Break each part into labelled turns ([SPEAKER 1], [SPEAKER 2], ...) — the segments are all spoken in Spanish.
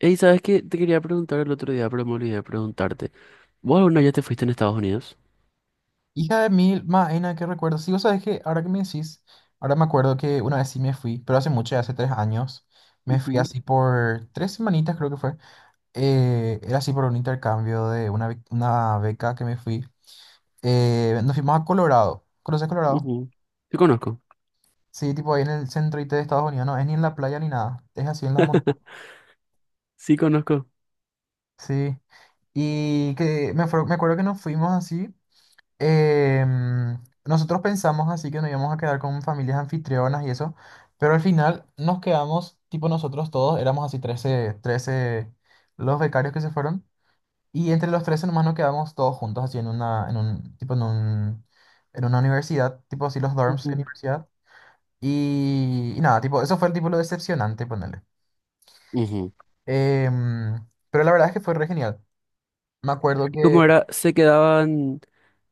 [SPEAKER 1] Ey, ¿sabes qué? Te quería preguntar el otro día, pero me olvidé de preguntarte. ¿Vos alguna vez ya te fuiste en Estados Unidos?
[SPEAKER 2] Hija de mil maena, qué recuerdo. Sí, vos sabés que ahora que me decís, ahora me acuerdo que una vez sí me fui, pero hace mucho, ya hace 3 años, me fui
[SPEAKER 1] Ujú,
[SPEAKER 2] así por 3 semanitas creo que fue. Era así por un intercambio de una beca que me fui. Nos fuimos a Colorado. ¿Conoces Colorado?
[SPEAKER 1] ujú. Sí, conozco.
[SPEAKER 2] Sí, tipo ahí en el centro IT de Estados Unidos, no es ni en la playa ni nada, es así en las montañas.
[SPEAKER 1] Sí, conozco.
[SPEAKER 2] Sí. Y me acuerdo que nos fuimos así. Nosotros pensamos así que nos íbamos a quedar con familias anfitrionas y eso, pero al final nos quedamos, tipo nosotros todos, éramos así trece los becarios que se fueron, y entre los 13 nomás nos quedamos todos juntos así en una, en un, tipo en un, en una universidad, tipo así los dorms de
[SPEAKER 1] Ujú.
[SPEAKER 2] universidad, y nada, tipo, eso fue el tipo lo decepcionante, ponerle.
[SPEAKER 1] Ujú.
[SPEAKER 2] Pero la verdad es que fue re genial. Me acuerdo
[SPEAKER 1] ¿Y
[SPEAKER 2] que,
[SPEAKER 1] cómo era? Se quedaban,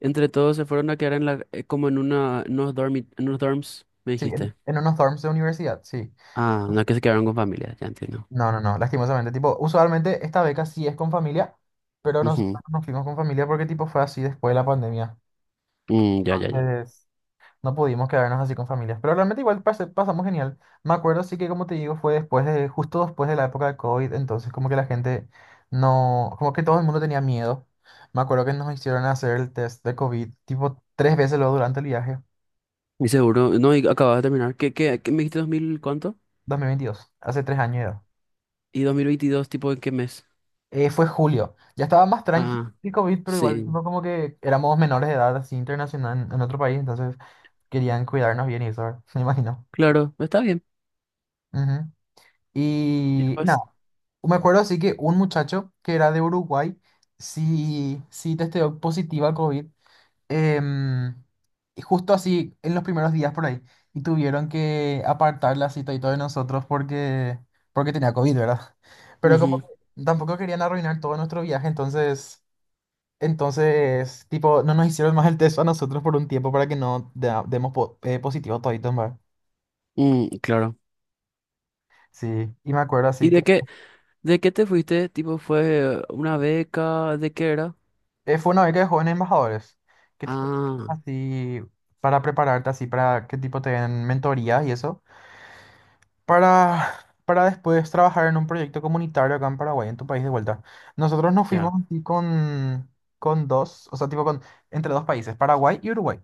[SPEAKER 1] entre todos se fueron a quedar en la, como en una, en unos en unos dorms, me
[SPEAKER 2] sí, en,
[SPEAKER 1] dijiste.
[SPEAKER 2] en unos dorms de universidad, sí.
[SPEAKER 1] Ah, no, que se quedaron con familia, ya entiendo.
[SPEAKER 2] No, no, no, lastimosamente, tipo, usualmente esta beca sí es con familia, pero nosotros
[SPEAKER 1] Ujú.
[SPEAKER 2] no nos fuimos con familia porque tipo fue así después de la pandemia.
[SPEAKER 1] Mm, ya, ya, ya.
[SPEAKER 2] Entonces, no pudimos quedarnos así con familias, pero realmente igual pasamos genial. Me acuerdo sí que como te digo fue justo después de la época de COVID, entonces como que la gente no, como que todo el mundo tenía miedo. Me acuerdo que nos hicieron hacer el test de COVID tipo 3 veces luego durante el viaje.
[SPEAKER 1] Y seguro, no, y acabas de terminar. ¿Qué me dijiste, 2000 cuánto?
[SPEAKER 2] 2022, hace 3 años ya.
[SPEAKER 1] ¿Y 2022, tipo, en qué mes?
[SPEAKER 2] Fue julio. Ya estaba más tranquilo
[SPEAKER 1] Ah,
[SPEAKER 2] el COVID, pero igual
[SPEAKER 1] sí.
[SPEAKER 2] no como que éramos menores de edad así internacional en otro país, entonces querían cuidarnos bien y eso, ¿verdad? Me imagino.
[SPEAKER 1] Claro, está bien.
[SPEAKER 2] Ujú.
[SPEAKER 1] Ya
[SPEAKER 2] Y
[SPEAKER 1] pues.
[SPEAKER 2] nada, me acuerdo así que un muchacho que era de Uruguay sí, sí testeó positiva a COVID, em, y justo así en los primeros días por ahí, y tuvieron que apartar la cita y todo de nosotros porque tenía COVID, ¿verdad? Pero como
[SPEAKER 1] Ujú.
[SPEAKER 2] que tampoco querían arruinar todo nuestro viaje, entonces... Entonces, tipo, no nos hicieron más el test a nosotros por un tiempo para que no demos positivo toditos, ¿verdad?
[SPEAKER 1] Mm, claro.
[SPEAKER 2] Sí, y me acuerdo así
[SPEAKER 1] ¿Y
[SPEAKER 2] que
[SPEAKER 1] de qué, de qué te fuiste? Tipo, ¿fue una beca? ¿De qué era?
[SPEAKER 2] fue una beca de jóvenes embajadores. ¿Qué tipo
[SPEAKER 1] Ah,
[SPEAKER 2] así para prepararte así para qué tipo te den mentoría y eso? Para para después trabajar en un proyecto comunitario acá en Paraguay, en tu país de vuelta. Nosotros nos fuimos
[SPEAKER 1] ya.
[SPEAKER 2] así con dos, o sea, tipo con entre dos países, Paraguay y Uruguay,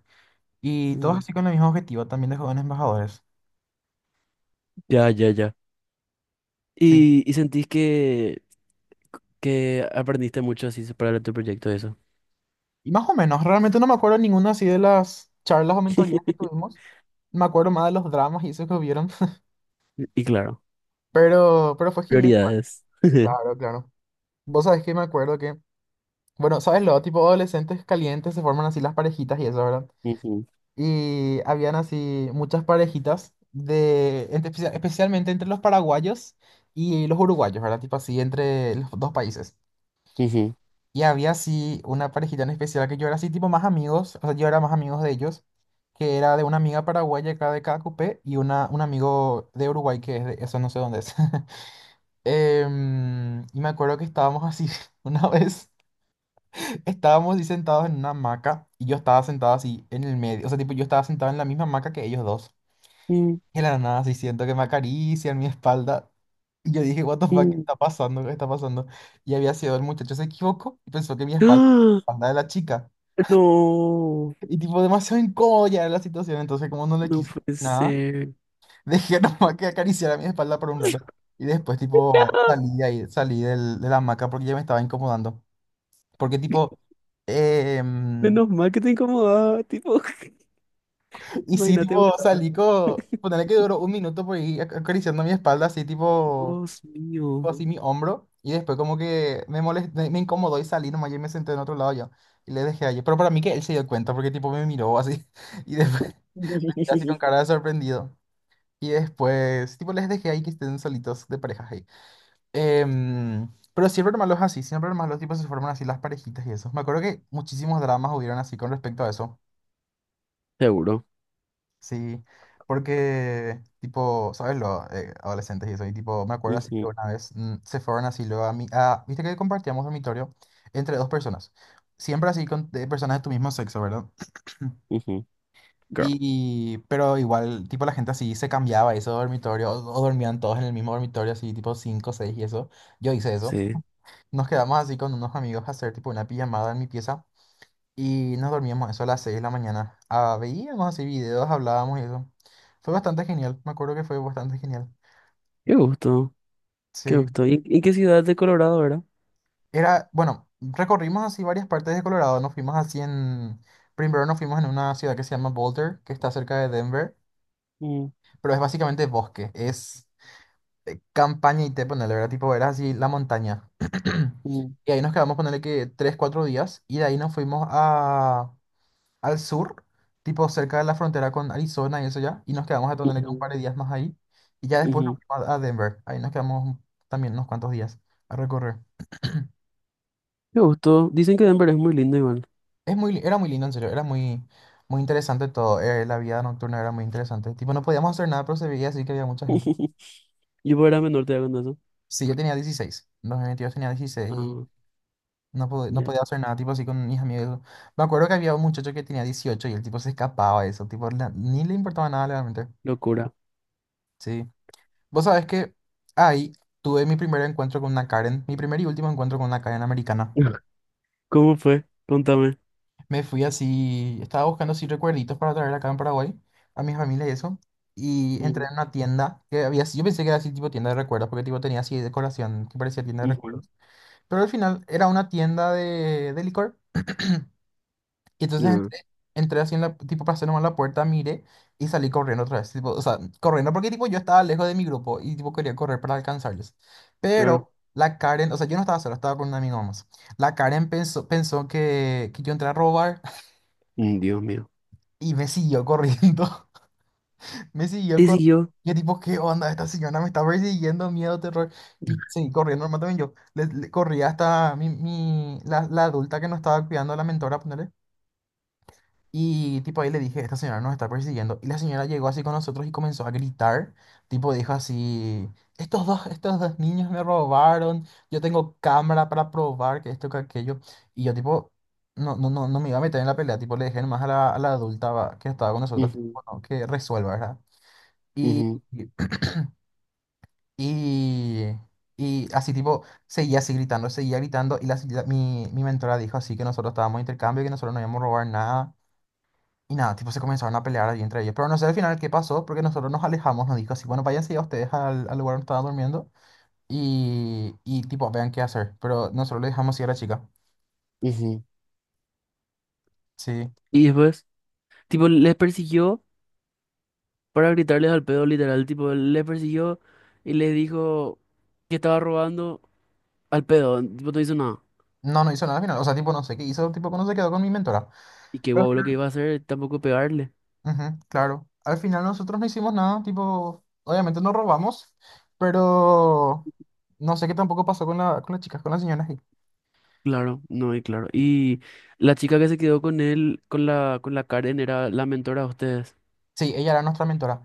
[SPEAKER 2] y todos
[SPEAKER 1] Mm.
[SPEAKER 2] así con el mismo objetivo también de jóvenes embajadores.
[SPEAKER 1] Ya, ya, ya.
[SPEAKER 2] Sí.
[SPEAKER 1] Y sentís que aprendiste mucho así para tu proyecto eso?
[SPEAKER 2] Y más o menos, realmente no me acuerdo ninguna así de las charlas o mentorías que tuvimos. Me acuerdo más de los dramas y eso que hubieron.
[SPEAKER 1] Y claro,
[SPEAKER 2] Pero fue genial, pues.
[SPEAKER 1] prioridades.
[SPEAKER 2] Claro, claro. Vos sabés que me acuerdo que, bueno, ¿sabes lo? Tipo adolescentes calientes se forman así las parejitas y eso, ¿verdad?
[SPEAKER 1] Ujú,
[SPEAKER 2] Y habían así muchas parejitas especialmente entre los paraguayos y los uruguayos, ¿verdad? Tipo así, entre los dos países.
[SPEAKER 1] ujú.
[SPEAKER 2] Y había así una parejita en especial que yo era así tipo más amigos, o sea, yo era más amigos de ellos, que era de una amiga paraguaya acá de Cacupé y un amigo de Uruguay que es de, eso no sé dónde es. Y me acuerdo que estábamos así, una vez estábamos así sentados en una hamaca y yo estaba sentado así en el medio, o sea, tipo yo estaba sentado en la misma hamaca que ellos dos.
[SPEAKER 1] Mm,
[SPEAKER 2] Y de la nada así siento que me acarician mi espalda. Y yo dije, what the fuck, ¿qué
[SPEAKER 1] mm.
[SPEAKER 2] está pasando? ¿Qué está pasando? Y había sido el muchacho se equivocó y pensó que mi espalda, la
[SPEAKER 1] ¡Ah!
[SPEAKER 2] espalda de la chica.
[SPEAKER 1] No,
[SPEAKER 2] Y tipo, demasiado incómodo ya era la situación, entonces como no le
[SPEAKER 1] no
[SPEAKER 2] quise
[SPEAKER 1] puede
[SPEAKER 2] nada,
[SPEAKER 1] ser.
[SPEAKER 2] dejé nomás que acariciara mi espalda por un rato. Y después tipo salí de ahí, de la hamaca porque ya me estaba incomodando. Porque tipo, em,
[SPEAKER 1] Menos mal que te incomodaba, tipo,
[SPEAKER 2] y sí,
[SPEAKER 1] imagínate,
[SPEAKER 2] tipo,
[SPEAKER 1] gustaba.
[SPEAKER 2] ponele que duró un minuto por ahí acariciando mi espalda, así tipo,
[SPEAKER 1] Dios mío.
[SPEAKER 2] así mi hombro. Y después como que me me incomodó y salí nomás y me senté en otro lado yo. Y le dejé allí. Pero para mí que él se dio cuenta porque tipo me miró así. Y después, así con cara de sorprendido. Y después, tipo, les dejé ahí que estén solitos de parejas ahí. Pero siempre eran malos así, siempre eran malos, tipo, se forman así las parejitas y eso. Me acuerdo que muchísimos dramas hubieron así con respecto a eso.
[SPEAKER 1] Seguro.
[SPEAKER 2] Sí, porque, tipo, ¿sabes? Los adolescentes y eso. Y, tipo, me acuerdo así que
[SPEAKER 1] Ujú.
[SPEAKER 2] una vez se fueron así luego a mi... Viste que compartíamos dormitorio entre dos personas. Siempre así con de personas de tu mismo sexo, ¿verdad?
[SPEAKER 1] Ujú, girl.
[SPEAKER 2] Y, pero igual, tipo, la gente así se cambiaba de ese dormitorio, o dormían todos en el mismo dormitorio, así, tipo, 5 6 y eso. Yo hice eso.
[SPEAKER 1] Sí,
[SPEAKER 2] Nos quedamos así con unos amigos a hacer, tipo, una pijamada en mi pieza. Y nos dormíamos eso a las 6 de la mañana. Ah, veíamos así videos, hablábamos y eso. Fue bastante genial, me acuerdo que fue bastante genial.
[SPEAKER 1] qué gusto, qué
[SPEAKER 2] Sí.
[SPEAKER 1] gusto. Y qué ciudad de Colorado era?
[SPEAKER 2] Era, bueno, recorrimos así varias partes de Colorado. Nos fuimos así en. Primero nos fuimos en una ciudad que se llama Boulder, que está cerca de Denver,
[SPEAKER 1] Mm,
[SPEAKER 2] pero es básicamente bosque. Es campaña y te ponele, ¿verdad? Tipo, era así la montaña.
[SPEAKER 1] mm,
[SPEAKER 2] Y ahí nos quedamos, ponerle que 3, 4 días. Y de ahí nos fuimos al sur, tipo cerca de la frontera con Arizona y eso ya. Y nos quedamos a ponerle que un
[SPEAKER 1] ujú,
[SPEAKER 2] par de días más ahí. Y ya después nos
[SPEAKER 1] ujú.
[SPEAKER 2] fuimos a Denver. Ahí nos quedamos también unos cuantos días a recorrer.
[SPEAKER 1] Qué gusto. Dicen que Denver es muy lindo igual.
[SPEAKER 2] Es era muy lindo, en serio. Era muy, muy interesante todo. La vida nocturna era muy interesante. Tipo, no podíamos hacer nada, pero se veía así que había mucha gente.
[SPEAKER 1] Yo cuando era menor te con eso.
[SPEAKER 2] Sí, yo tenía 16. En 2022 tenía 16.
[SPEAKER 1] Ah,
[SPEAKER 2] No, no
[SPEAKER 1] ya.
[SPEAKER 2] podía hacer nada, tipo así con mis amigos. Me acuerdo que había un muchacho que tenía 18 y el tipo se escapaba de eso, tipo, ni le importaba nada realmente.
[SPEAKER 1] Locura.
[SPEAKER 2] Sí. Vos sabés que ahí tuve mi primer encuentro con una Karen, mi primer y último encuentro con una Karen americana.
[SPEAKER 1] ¿Cómo fue? Contame.
[SPEAKER 2] Me fui así, estaba buscando así recuerditos para traer acá en Paraguay a mi familia y eso. Y entré
[SPEAKER 1] Mm,
[SPEAKER 2] en una tienda que había, yo pensé que era así tipo tienda de recuerdos, porque tipo tenía así decoración que parecía tienda de
[SPEAKER 1] ujú.
[SPEAKER 2] recuerdos. Pero al final era una tienda de licor. Y entonces
[SPEAKER 1] Ah,
[SPEAKER 2] entré, tipo para hacer nomás la puerta, miré y salí corriendo otra vez. Tipo, o sea, corriendo porque tipo yo estaba lejos de mi grupo y tipo quería correr para alcanzarles.
[SPEAKER 1] claro.
[SPEAKER 2] Pero la Karen, o sea, yo no estaba solo, estaba con un amigo más. La Karen pensó que yo entré a robar
[SPEAKER 1] Mm, Dios mío.
[SPEAKER 2] y me siguió corriendo. Me siguió
[SPEAKER 1] Te
[SPEAKER 2] corriendo.
[SPEAKER 1] siguió.
[SPEAKER 2] Yo tipo, ¿qué onda? Esta señora me está persiguiendo, miedo, terror. Y seguí corriendo, normal también yo. Le corrí hasta la adulta que nos estaba cuidando, la mentora, ponerle. Y tipo ahí le dije, esta señora nos está persiguiendo. Y la señora llegó así con nosotros y comenzó a gritar. Tipo dijo así, estos dos niños me robaron. Yo tengo cámara para probar que esto, que aquello. Y yo tipo, no, no, no, no me iba a meter en la pelea. Tipo le dejé nomás a la adulta va, que estaba con nosotros que,
[SPEAKER 1] Ujú,
[SPEAKER 2] bueno, que resuelva, ¿verdad? Y,
[SPEAKER 1] ujú,
[SPEAKER 2] y, y así tipo, seguía así gritando, seguía gritando. Y mi mentora dijo así que nosotros estábamos de intercambio, que nosotros no íbamos a robar nada y nada, tipo se comenzaron a pelear ahí entre ellos. Pero no sé al final qué pasó, porque nosotros nos alejamos, nos dijo así, bueno, váyanse ya ustedes al lugar donde estaban durmiendo y tipo, vean qué hacer. Pero nosotros le dejamos ir a la chica.
[SPEAKER 1] ujú.
[SPEAKER 2] Sí.
[SPEAKER 1] Y después, tipo, les persiguió para gritarles al pedo, literal. Tipo, les persiguió y les dijo que estaba robando. Al pedo, vos no hizo nada.
[SPEAKER 2] No, no hizo nada al final. O sea, tipo, no sé qué hizo, tipo, no se quedó con mi mentora.
[SPEAKER 1] Y qué
[SPEAKER 2] Pero...
[SPEAKER 1] guau lo que iba a hacer, tampoco pegarle.
[SPEAKER 2] Ujú, claro. Al final nosotros no hicimos nada, tipo, obviamente nos robamos, pero no sé qué tampoco pasó con las chicas, con las señoras ahí.
[SPEAKER 1] Claro, no, y claro. Y la chica que se quedó con él, con la Karen, era la mentora de ustedes.
[SPEAKER 2] Sí, ella era nuestra mentora.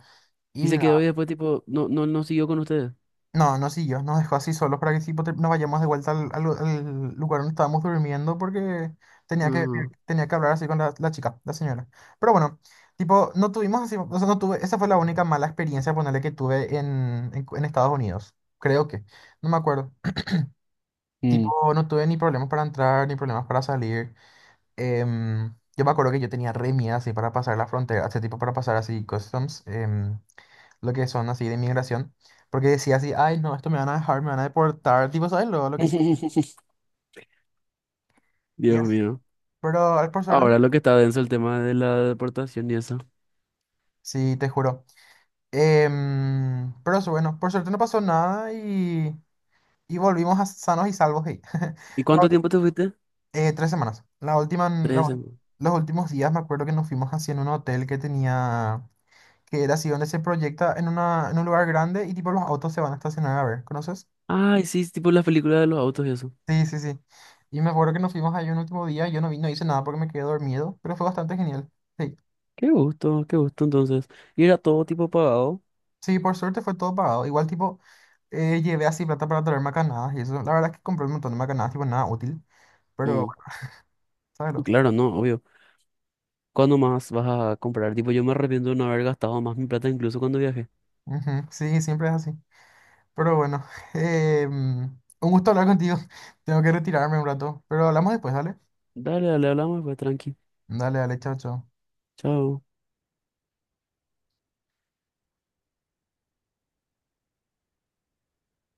[SPEAKER 1] Y
[SPEAKER 2] Y
[SPEAKER 1] se quedó y después, tipo, no siguió con ustedes.
[SPEAKER 2] no, no siguió, nos dejó así solos para que sí nos vayamos de vuelta al lugar donde estábamos durmiendo porque tenía que,
[SPEAKER 1] Ajá.
[SPEAKER 2] tenía que hablar así con la chica, la señora. Pero bueno, tipo, no tuvimos así, o sea, no tuve, esa fue la única mala experiencia, ponerle que tuve en Estados Unidos, creo que, no me acuerdo.
[SPEAKER 1] Mm.
[SPEAKER 2] Tipo, no tuve ni problemas para entrar, ni problemas para salir. Yo me acuerdo que yo tenía re miedo así para pasar la frontera, este tipo para pasar así customs. Lo que son así de inmigración, porque decía así, ay, no, esto me van a dejar, me van a deportar, tipo, ¿sabes? Lo que sí.
[SPEAKER 1] Dios
[SPEAKER 2] Yes.
[SPEAKER 1] mío.
[SPEAKER 2] Pero por suerte,
[SPEAKER 1] Ahora lo que está denso el tema de la deportación y eso.
[SPEAKER 2] sí, te juro. Pero eso, bueno, por suerte no pasó nada y volvimos a sanos y salvos ahí.
[SPEAKER 1] ¿Y
[SPEAKER 2] La
[SPEAKER 1] cuánto
[SPEAKER 2] ul-
[SPEAKER 1] tiempo te fuiste?
[SPEAKER 2] 3 semanas. La última,
[SPEAKER 1] Tres semanas.
[SPEAKER 2] los últimos días me acuerdo que nos fuimos así en un hotel que tenía, que era así donde se proyecta en, una, en un lugar grande y tipo los autos se van a estacionar a ver, ¿conoces?
[SPEAKER 1] Ay, sí, es tipo las películas de los autos y eso.
[SPEAKER 2] Sí, sí, sí. Y me acuerdo que nos fuimos ahí un último día, yo no vi, no hice nada porque me quedé dormido, pero fue bastante genial. Sí,
[SPEAKER 1] Qué gusto entonces. Y era todo tipo pagado.
[SPEAKER 2] sí, por suerte fue todo pagado. Igual tipo, llevé así plata para traer macanadas y eso. La verdad es que compré un montón de macanadas, tipo nada útil, pero bueno,
[SPEAKER 1] Mm.
[SPEAKER 2] ¿sabes lo?
[SPEAKER 1] Claro, no, obvio. ¿Cuándo más vas a comprar? Tipo, yo me arrepiento de no haber gastado más mi plata incluso cuando viajé.
[SPEAKER 2] Ujú, sí, siempre es así. Pero bueno, eh, mm, un gusto hablar contigo. Tengo que retirarme un rato, pero hablamos después, dale.
[SPEAKER 1] Dale, dale, hablamos, pues tranqui.
[SPEAKER 2] Dale, dale, chao, chao.
[SPEAKER 1] Chao.